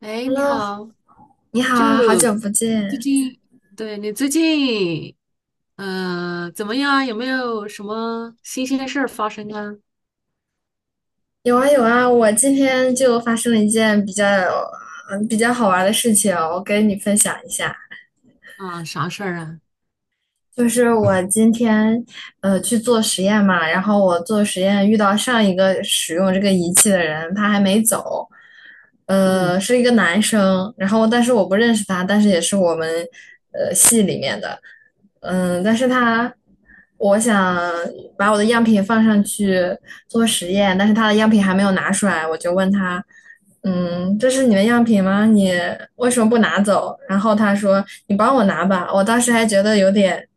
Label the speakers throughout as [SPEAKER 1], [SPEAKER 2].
[SPEAKER 1] 哎，你
[SPEAKER 2] Hello，
[SPEAKER 1] 好，
[SPEAKER 2] 你好
[SPEAKER 1] 就
[SPEAKER 2] 啊，好久不
[SPEAKER 1] 最
[SPEAKER 2] 见。
[SPEAKER 1] 近，对你最近，怎么样？有没有什么新鲜事儿发生啊？
[SPEAKER 2] 有啊有啊，我今天就发生了一件比较比较好玩的事情哦，我跟你分享一下。
[SPEAKER 1] 啊，啥事儿啊？
[SPEAKER 2] 就是我今天去做实验嘛，然后我做实验遇到上一个使用这个仪器的人，他还没走，
[SPEAKER 1] 嗯
[SPEAKER 2] 是一个男生，然后但是我不认识他，但是也是我们系里面的，嗯，但是他。我想把我的样品放上去做实验，但是他的样品还没有拿出来，我就问他，嗯，这是你的样品吗？你为什么不拿走？然后他说：“你帮我拿吧。”我当时还觉得有点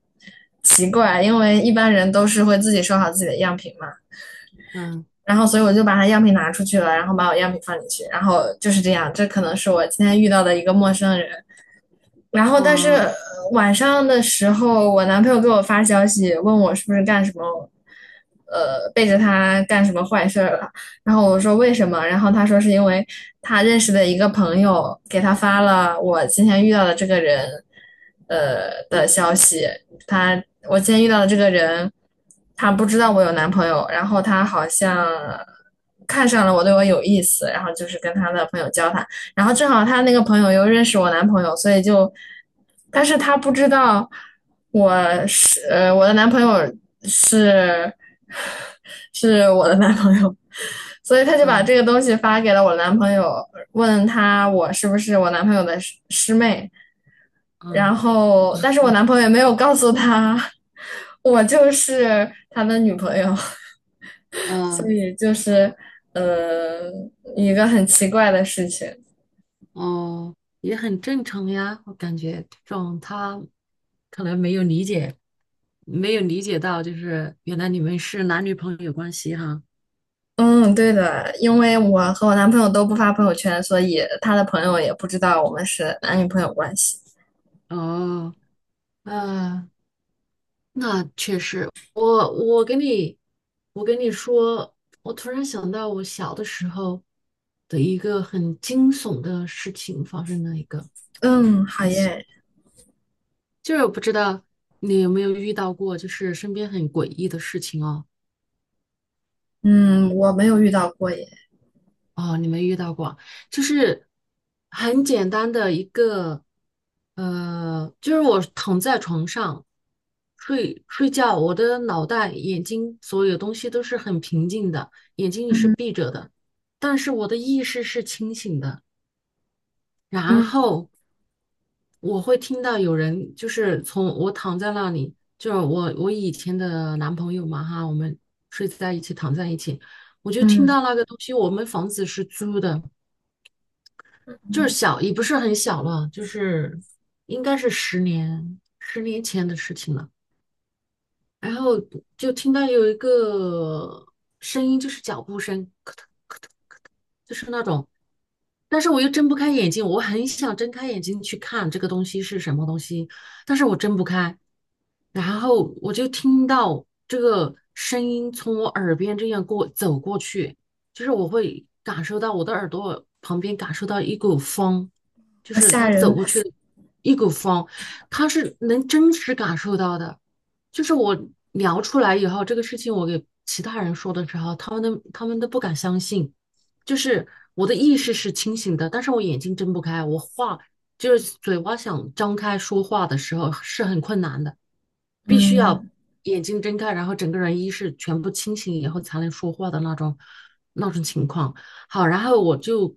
[SPEAKER 2] 奇怪，因为一般人都是会自己收好自己的样品嘛，
[SPEAKER 1] 嗯
[SPEAKER 2] 然后所以我就把它样品拿出去了，然后把我样品放进去，然后就是这样，这可能是我今天遇到的一个陌生人，然后但是
[SPEAKER 1] 啊
[SPEAKER 2] 晚上的时候，我男朋友给我发消息问我是不是干什么，背着他干什么坏事儿了。然后我说为什么？然后他说是因为他认识的一个朋友给他发了我今天遇到的这个人，的消
[SPEAKER 1] 嗯
[SPEAKER 2] 息。他我今天遇到的这个人，他不知道我有男朋友，然后他好像看上了我，对我有意思，然后就是跟他的朋友交谈。然后正好他那个朋友又认识我男朋友，所以就，但是他不知道我我的男朋友是 是我的男朋友，所以他就把这
[SPEAKER 1] 嗯
[SPEAKER 2] 个东西发给了我男朋友，问他我是不是我男朋友的师妹，然
[SPEAKER 1] 嗯
[SPEAKER 2] 后但是我男朋友也没有告诉他 我就是他的女朋友，所
[SPEAKER 1] 嗯
[SPEAKER 2] 以就是呃一个很奇怪的事情。
[SPEAKER 1] 哦，也很正常呀。我感觉这种他可能没有理解，没有理解到，就是原来你们是男女朋友关系哈。
[SPEAKER 2] 嗯，对的，因为我和我男朋友都不发朋友圈，所以他的朋友也不知道我们是男女朋友关系。
[SPEAKER 1] 哦，啊。那确实，我跟你说，我突然想到我小的时候的一个很惊悚的事情发生了一个
[SPEAKER 2] 嗯，好
[SPEAKER 1] 很奇，
[SPEAKER 2] 耶。
[SPEAKER 1] 就是我不知道你有没有遇到过，就是身边很诡异的事情哦。
[SPEAKER 2] 嗯，我没有遇到过耶。
[SPEAKER 1] 哦，你没遇到过，就是很简单的一个，就是我躺在床上睡觉，我的脑袋、眼睛所有东西都是很平静的，眼睛也是
[SPEAKER 2] 嗯
[SPEAKER 1] 闭着的，但是我的意识是清醒的。然
[SPEAKER 2] 嗯
[SPEAKER 1] 后我会听到有人，就是从我躺在那里，就是我以前的男朋友嘛哈，我们睡在一起，躺在一起，我就听
[SPEAKER 2] 嗯，
[SPEAKER 1] 到那个东西，我们房子是租的。就是
[SPEAKER 2] 嗯
[SPEAKER 1] 小，也不是很小了，就是应该是十年前的事情了。然后就听到有一个声音，就是脚步声，咯噔咯噔咯噔，就是那种。但是我又睁不开眼睛，我很想睁开眼睛去看这个东西是什么东西，但是我睁不开。然后我就听到这个声音从我耳边这样走过去，就是我会感受到我的耳朵旁边感受到一股风，就
[SPEAKER 2] 好
[SPEAKER 1] 是
[SPEAKER 2] 吓
[SPEAKER 1] 它走
[SPEAKER 2] 人。
[SPEAKER 1] 过去的一股风，它是能真实感受到的。就是我聊出来以后，这个事情我给其他人说的时候，他们都不敢相信。就是我的意识是清醒的，但是我眼睛睁不开，就是嘴巴想张开说话的时候是很困难的，必须要
[SPEAKER 2] 嗯，
[SPEAKER 1] 眼睛睁开，然后整个人意识全部清醒以后才能说话的那种情况。好，然后我就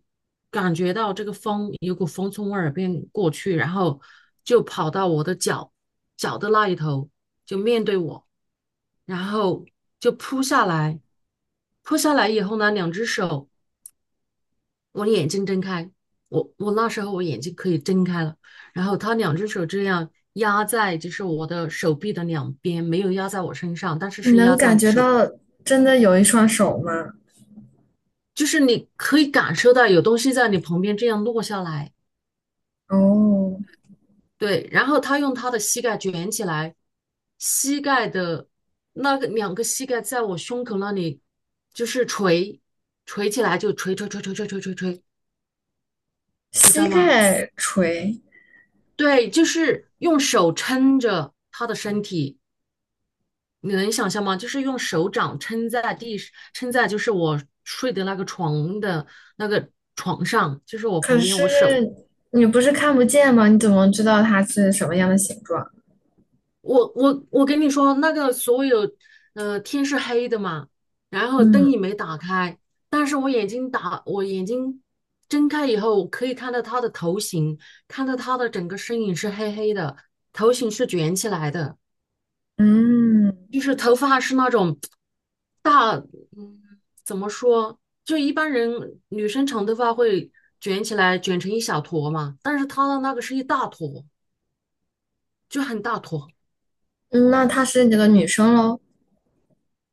[SPEAKER 1] 感觉到这个风有股风从我耳边过去，然后就跑到我的脚的那一头，就面对我。然后就扑下来，扑下来以后呢，两只手我的眼睛睁开，我那时候我眼睛可以睁开了，然后他两只手这样压在就是我的手臂的两边，没有压在我身上，但是
[SPEAKER 2] 你
[SPEAKER 1] 是
[SPEAKER 2] 能
[SPEAKER 1] 压
[SPEAKER 2] 感
[SPEAKER 1] 在
[SPEAKER 2] 觉
[SPEAKER 1] 手，
[SPEAKER 2] 到真的有一双手吗？
[SPEAKER 1] 就是你可以感受到有东西在你旁边这样落下来。
[SPEAKER 2] 哦，
[SPEAKER 1] 对，然后他用他的膝盖卷起来，膝盖的那个两个膝盖在我胸口那里就是捶起来，就捶捶捶捶捶捶捶捶，你知
[SPEAKER 2] 膝
[SPEAKER 1] 道吗？
[SPEAKER 2] 盖垂。
[SPEAKER 1] 对，就是用手撑着他的身体。你能想象吗？就是用手掌撑在就是我睡的那个床的那个床上，就是我
[SPEAKER 2] 可
[SPEAKER 1] 旁边，
[SPEAKER 2] 是
[SPEAKER 1] 我手，
[SPEAKER 2] 你不是看不见吗？你怎么知道它是什么样的形状？
[SPEAKER 1] 我跟你说，那个所有，呃，天是黑的嘛，然后灯
[SPEAKER 2] 嗯
[SPEAKER 1] 也没打开，但是我眼睛睁开以后，我可以看到他的头型，看到他的整个身影是黑黑的，头型是卷起来的。
[SPEAKER 2] 嗯，
[SPEAKER 1] 就是头发是那种大，嗯，怎么说？就一般人女生长头发会卷起来，卷成一小坨嘛，但是她的那个是一大坨，就很大坨。
[SPEAKER 2] 嗯那她是你的女生喽？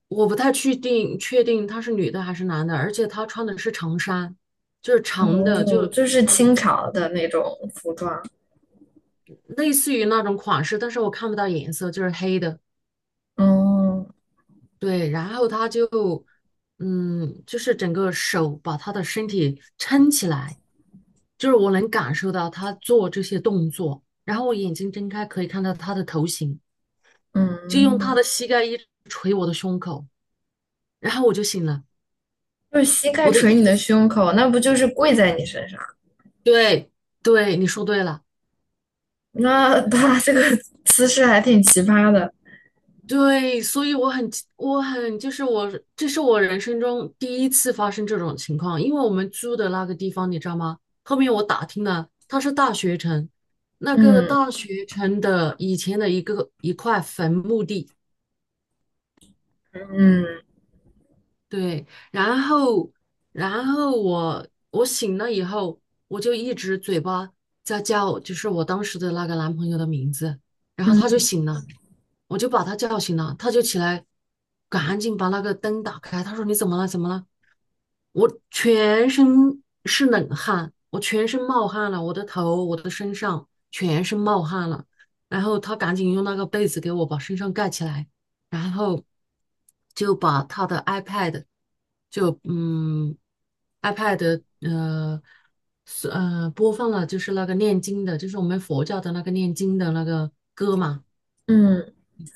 [SPEAKER 1] 我不太确定，她是女的还是男的，而且她穿的是长衫，就是长的，
[SPEAKER 2] 哦，
[SPEAKER 1] 就
[SPEAKER 2] 就是
[SPEAKER 1] 长，
[SPEAKER 2] 清朝的那种服装。
[SPEAKER 1] 类似于那种款式，但是我看不到颜色，就是黑的。
[SPEAKER 2] 哦，
[SPEAKER 1] 对，然后他就，嗯，就是整个手把他的身体撑起来，就是我能感受到他做这些动作，然后我眼睛睁开可以看到他的头型，就用他
[SPEAKER 2] 嗯，
[SPEAKER 1] 的膝盖一直捶我的胸口，然后我就醒了，
[SPEAKER 2] 就是膝盖
[SPEAKER 1] 我的意
[SPEAKER 2] 捶你的
[SPEAKER 1] 识，
[SPEAKER 2] 胸口，那不就是跪在你身上？
[SPEAKER 1] 对对，你说对了。
[SPEAKER 2] 那他 这个姿势还挺奇葩的。
[SPEAKER 1] 对，所以我很，我很，就是我，这是我人生中第1次发生这种情况。因为我们租的那个地方，你知道吗？后面我打听了，它是大学城，那个
[SPEAKER 2] 嗯
[SPEAKER 1] 大学城的以前的一块坟墓地。
[SPEAKER 2] 嗯
[SPEAKER 1] 对，然后，然后我我醒了以后，我就一直嘴巴在叫，就是我当时的那个男朋友的名字，然后他就
[SPEAKER 2] 嗯
[SPEAKER 1] 醒了。我就把他叫醒了，他就起来，赶紧把那个灯打开。他说：“你怎么了？怎么了？”我全身是冷汗，我全身冒汗了，我的头、我的身上全身冒汗了。然后他赶紧用那个被子给我把身上盖起来，然后就把他的 iPad， 就嗯 iPad， 播放了就是那个念经的，就是我们佛教的那个念经的那个歌嘛。
[SPEAKER 2] 嗯。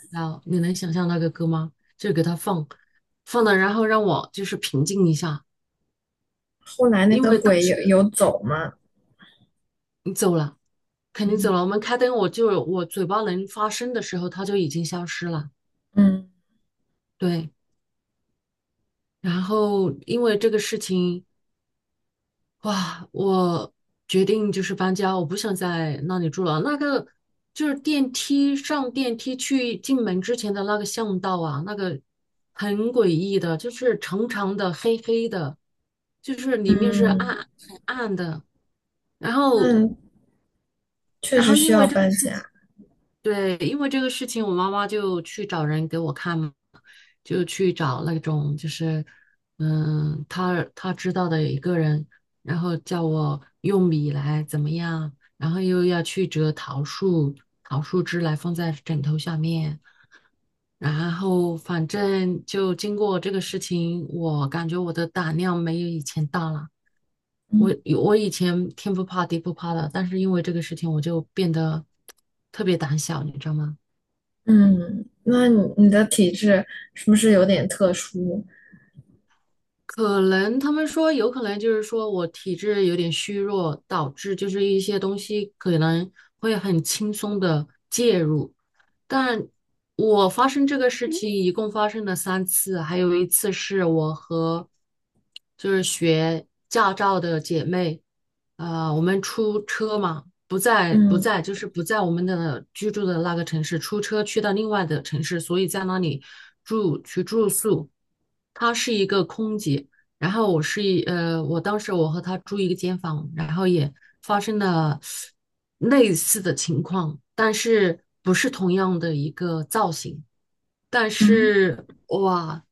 [SPEAKER 1] 然后你能想象那个歌吗？就给他放，放了，然后让我就是平静一下，
[SPEAKER 2] 后来那
[SPEAKER 1] 因
[SPEAKER 2] 个
[SPEAKER 1] 为当
[SPEAKER 2] 鬼有
[SPEAKER 1] 时
[SPEAKER 2] 有走吗？
[SPEAKER 1] 你走了，肯定走
[SPEAKER 2] 嗯
[SPEAKER 1] 了。我们开灯，我嘴巴能发声的时候，他就已经消失了。
[SPEAKER 2] 嗯
[SPEAKER 1] 对，然后因为这个事情，哇，我决定就是搬家，我不想在那里住了。那个就是电梯去进门之前的那个巷道啊，那个很诡异的，就是长长的、黑黑的，就是里面是
[SPEAKER 2] 嗯，
[SPEAKER 1] 暗很暗的。然后，
[SPEAKER 2] 那确
[SPEAKER 1] 然
[SPEAKER 2] 实
[SPEAKER 1] 后
[SPEAKER 2] 需
[SPEAKER 1] 因
[SPEAKER 2] 要
[SPEAKER 1] 为这个
[SPEAKER 2] 搬家。
[SPEAKER 1] 对，因为这个事情，我妈妈就去找人给我看嘛，就去找那种就是，嗯，她知道的一个人，然后叫我用米来怎么样，然后又要去折桃树，桃树枝来放在枕头下面，然后反正就经过这个事情，我感觉我的胆量没有以前大了。我
[SPEAKER 2] 嗯
[SPEAKER 1] 我以前天不怕地不怕的，但是因为这个事情，我就变得特别胆小，你知道吗？
[SPEAKER 2] 嗯，那你的体质是不是有点特殊？
[SPEAKER 1] 可能他们说有可能就是说我体质有点虚弱，导致就是一些东西可能会很轻松的介入。但我发生这个事情一共发生了三次，还有一次是我和就是学驾照的姐妹，呃，我们出车嘛，不在不
[SPEAKER 2] 嗯
[SPEAKER 1] 在就是不在我们的居住的那个城市，出车去到另外的城市，所以在那里住宿。她是一个空姐，然后我是一呃，我当时我和他住一个间房，然后也发生了类似的情况，但是不是同样的一个造型，但
[SPEAKER 2] 嗯
[SPEAKER 1] 是哇，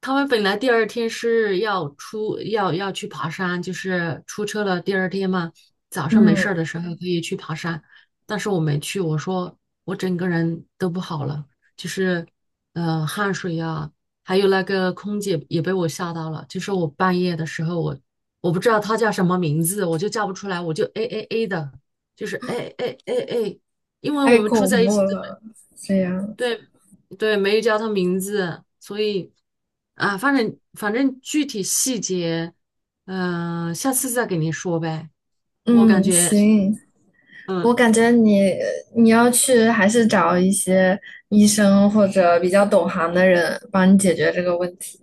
[SPEAKER 1] 他们本来第二天要去爬山，就是出车了。第二天嘛，早上没
[SPEAKER 2] 嗯，
[SPEAKER 1] 事儿的时候可以去爬山，但是我没去。我说我整个人都不好了，就是呃汗水呀、还有那个空姐也被我吓到了。就是我半夜的时候，我不知道她叫什么名字，我就叫不出来，我就哎哎哎的，就是哎哎哎哎，因为
[SPEAKER 2] 太
[SPEAKER 1] 我们住
[SPEAKER 2] 恐
[SPEAKER 1] 在一
[SPEAKER 2] 怖
[SPEAKER 1] 起。
[SPEAKER 2] 了，这样。
[SPEAKER 1] 对对，没有叫他名字，所以啊，反正具体细节，嗯、下次再给您说呗。我感
[SPEAKER 2] 嗯，
[SPEAKER 1] 觉，
[SPEAKER 2] 行，我
[SPEAKER 1] 嗯，
[SPEAKER 2] 感觉你要去还是找一些医生或者比较懂行的人帮你解决这个问题。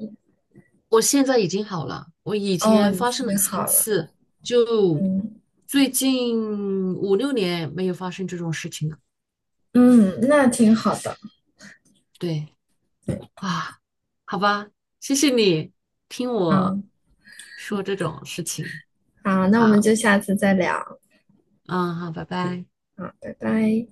[SPEAKER 1] 我现在已经好了，我以
[SPEAKER 2] 哦，
[SPEAKER 1] 前
[SPEAKER 2] 已
[SPEAKER 1] 发生了
[SPEAKER 2] 经
[SPEAKER 1] 三
[SPEAKER 2] 好了，
[SPEAKER 1] 次，就
[SPEAKER 2] 嗯
[SPEAKER 1] 最近5、6年没有发生这种事情了。
[SPEAKER 2] 嗯，那挺好的，
[SPEAKER 1] 对啊，好吧，谢谢你听我
[SPEAKER 2] 嗯，
[SPEAKER 1] 说这种事情。
[SPEAKER 2] 好，那我们
[SPEAKER 1] 好，
[SPEAKER 2] 就下次再聊，
[SPEAKER 1] 嗯，好，拜拜。
[SPEAKER 2] 嗯，拜拜。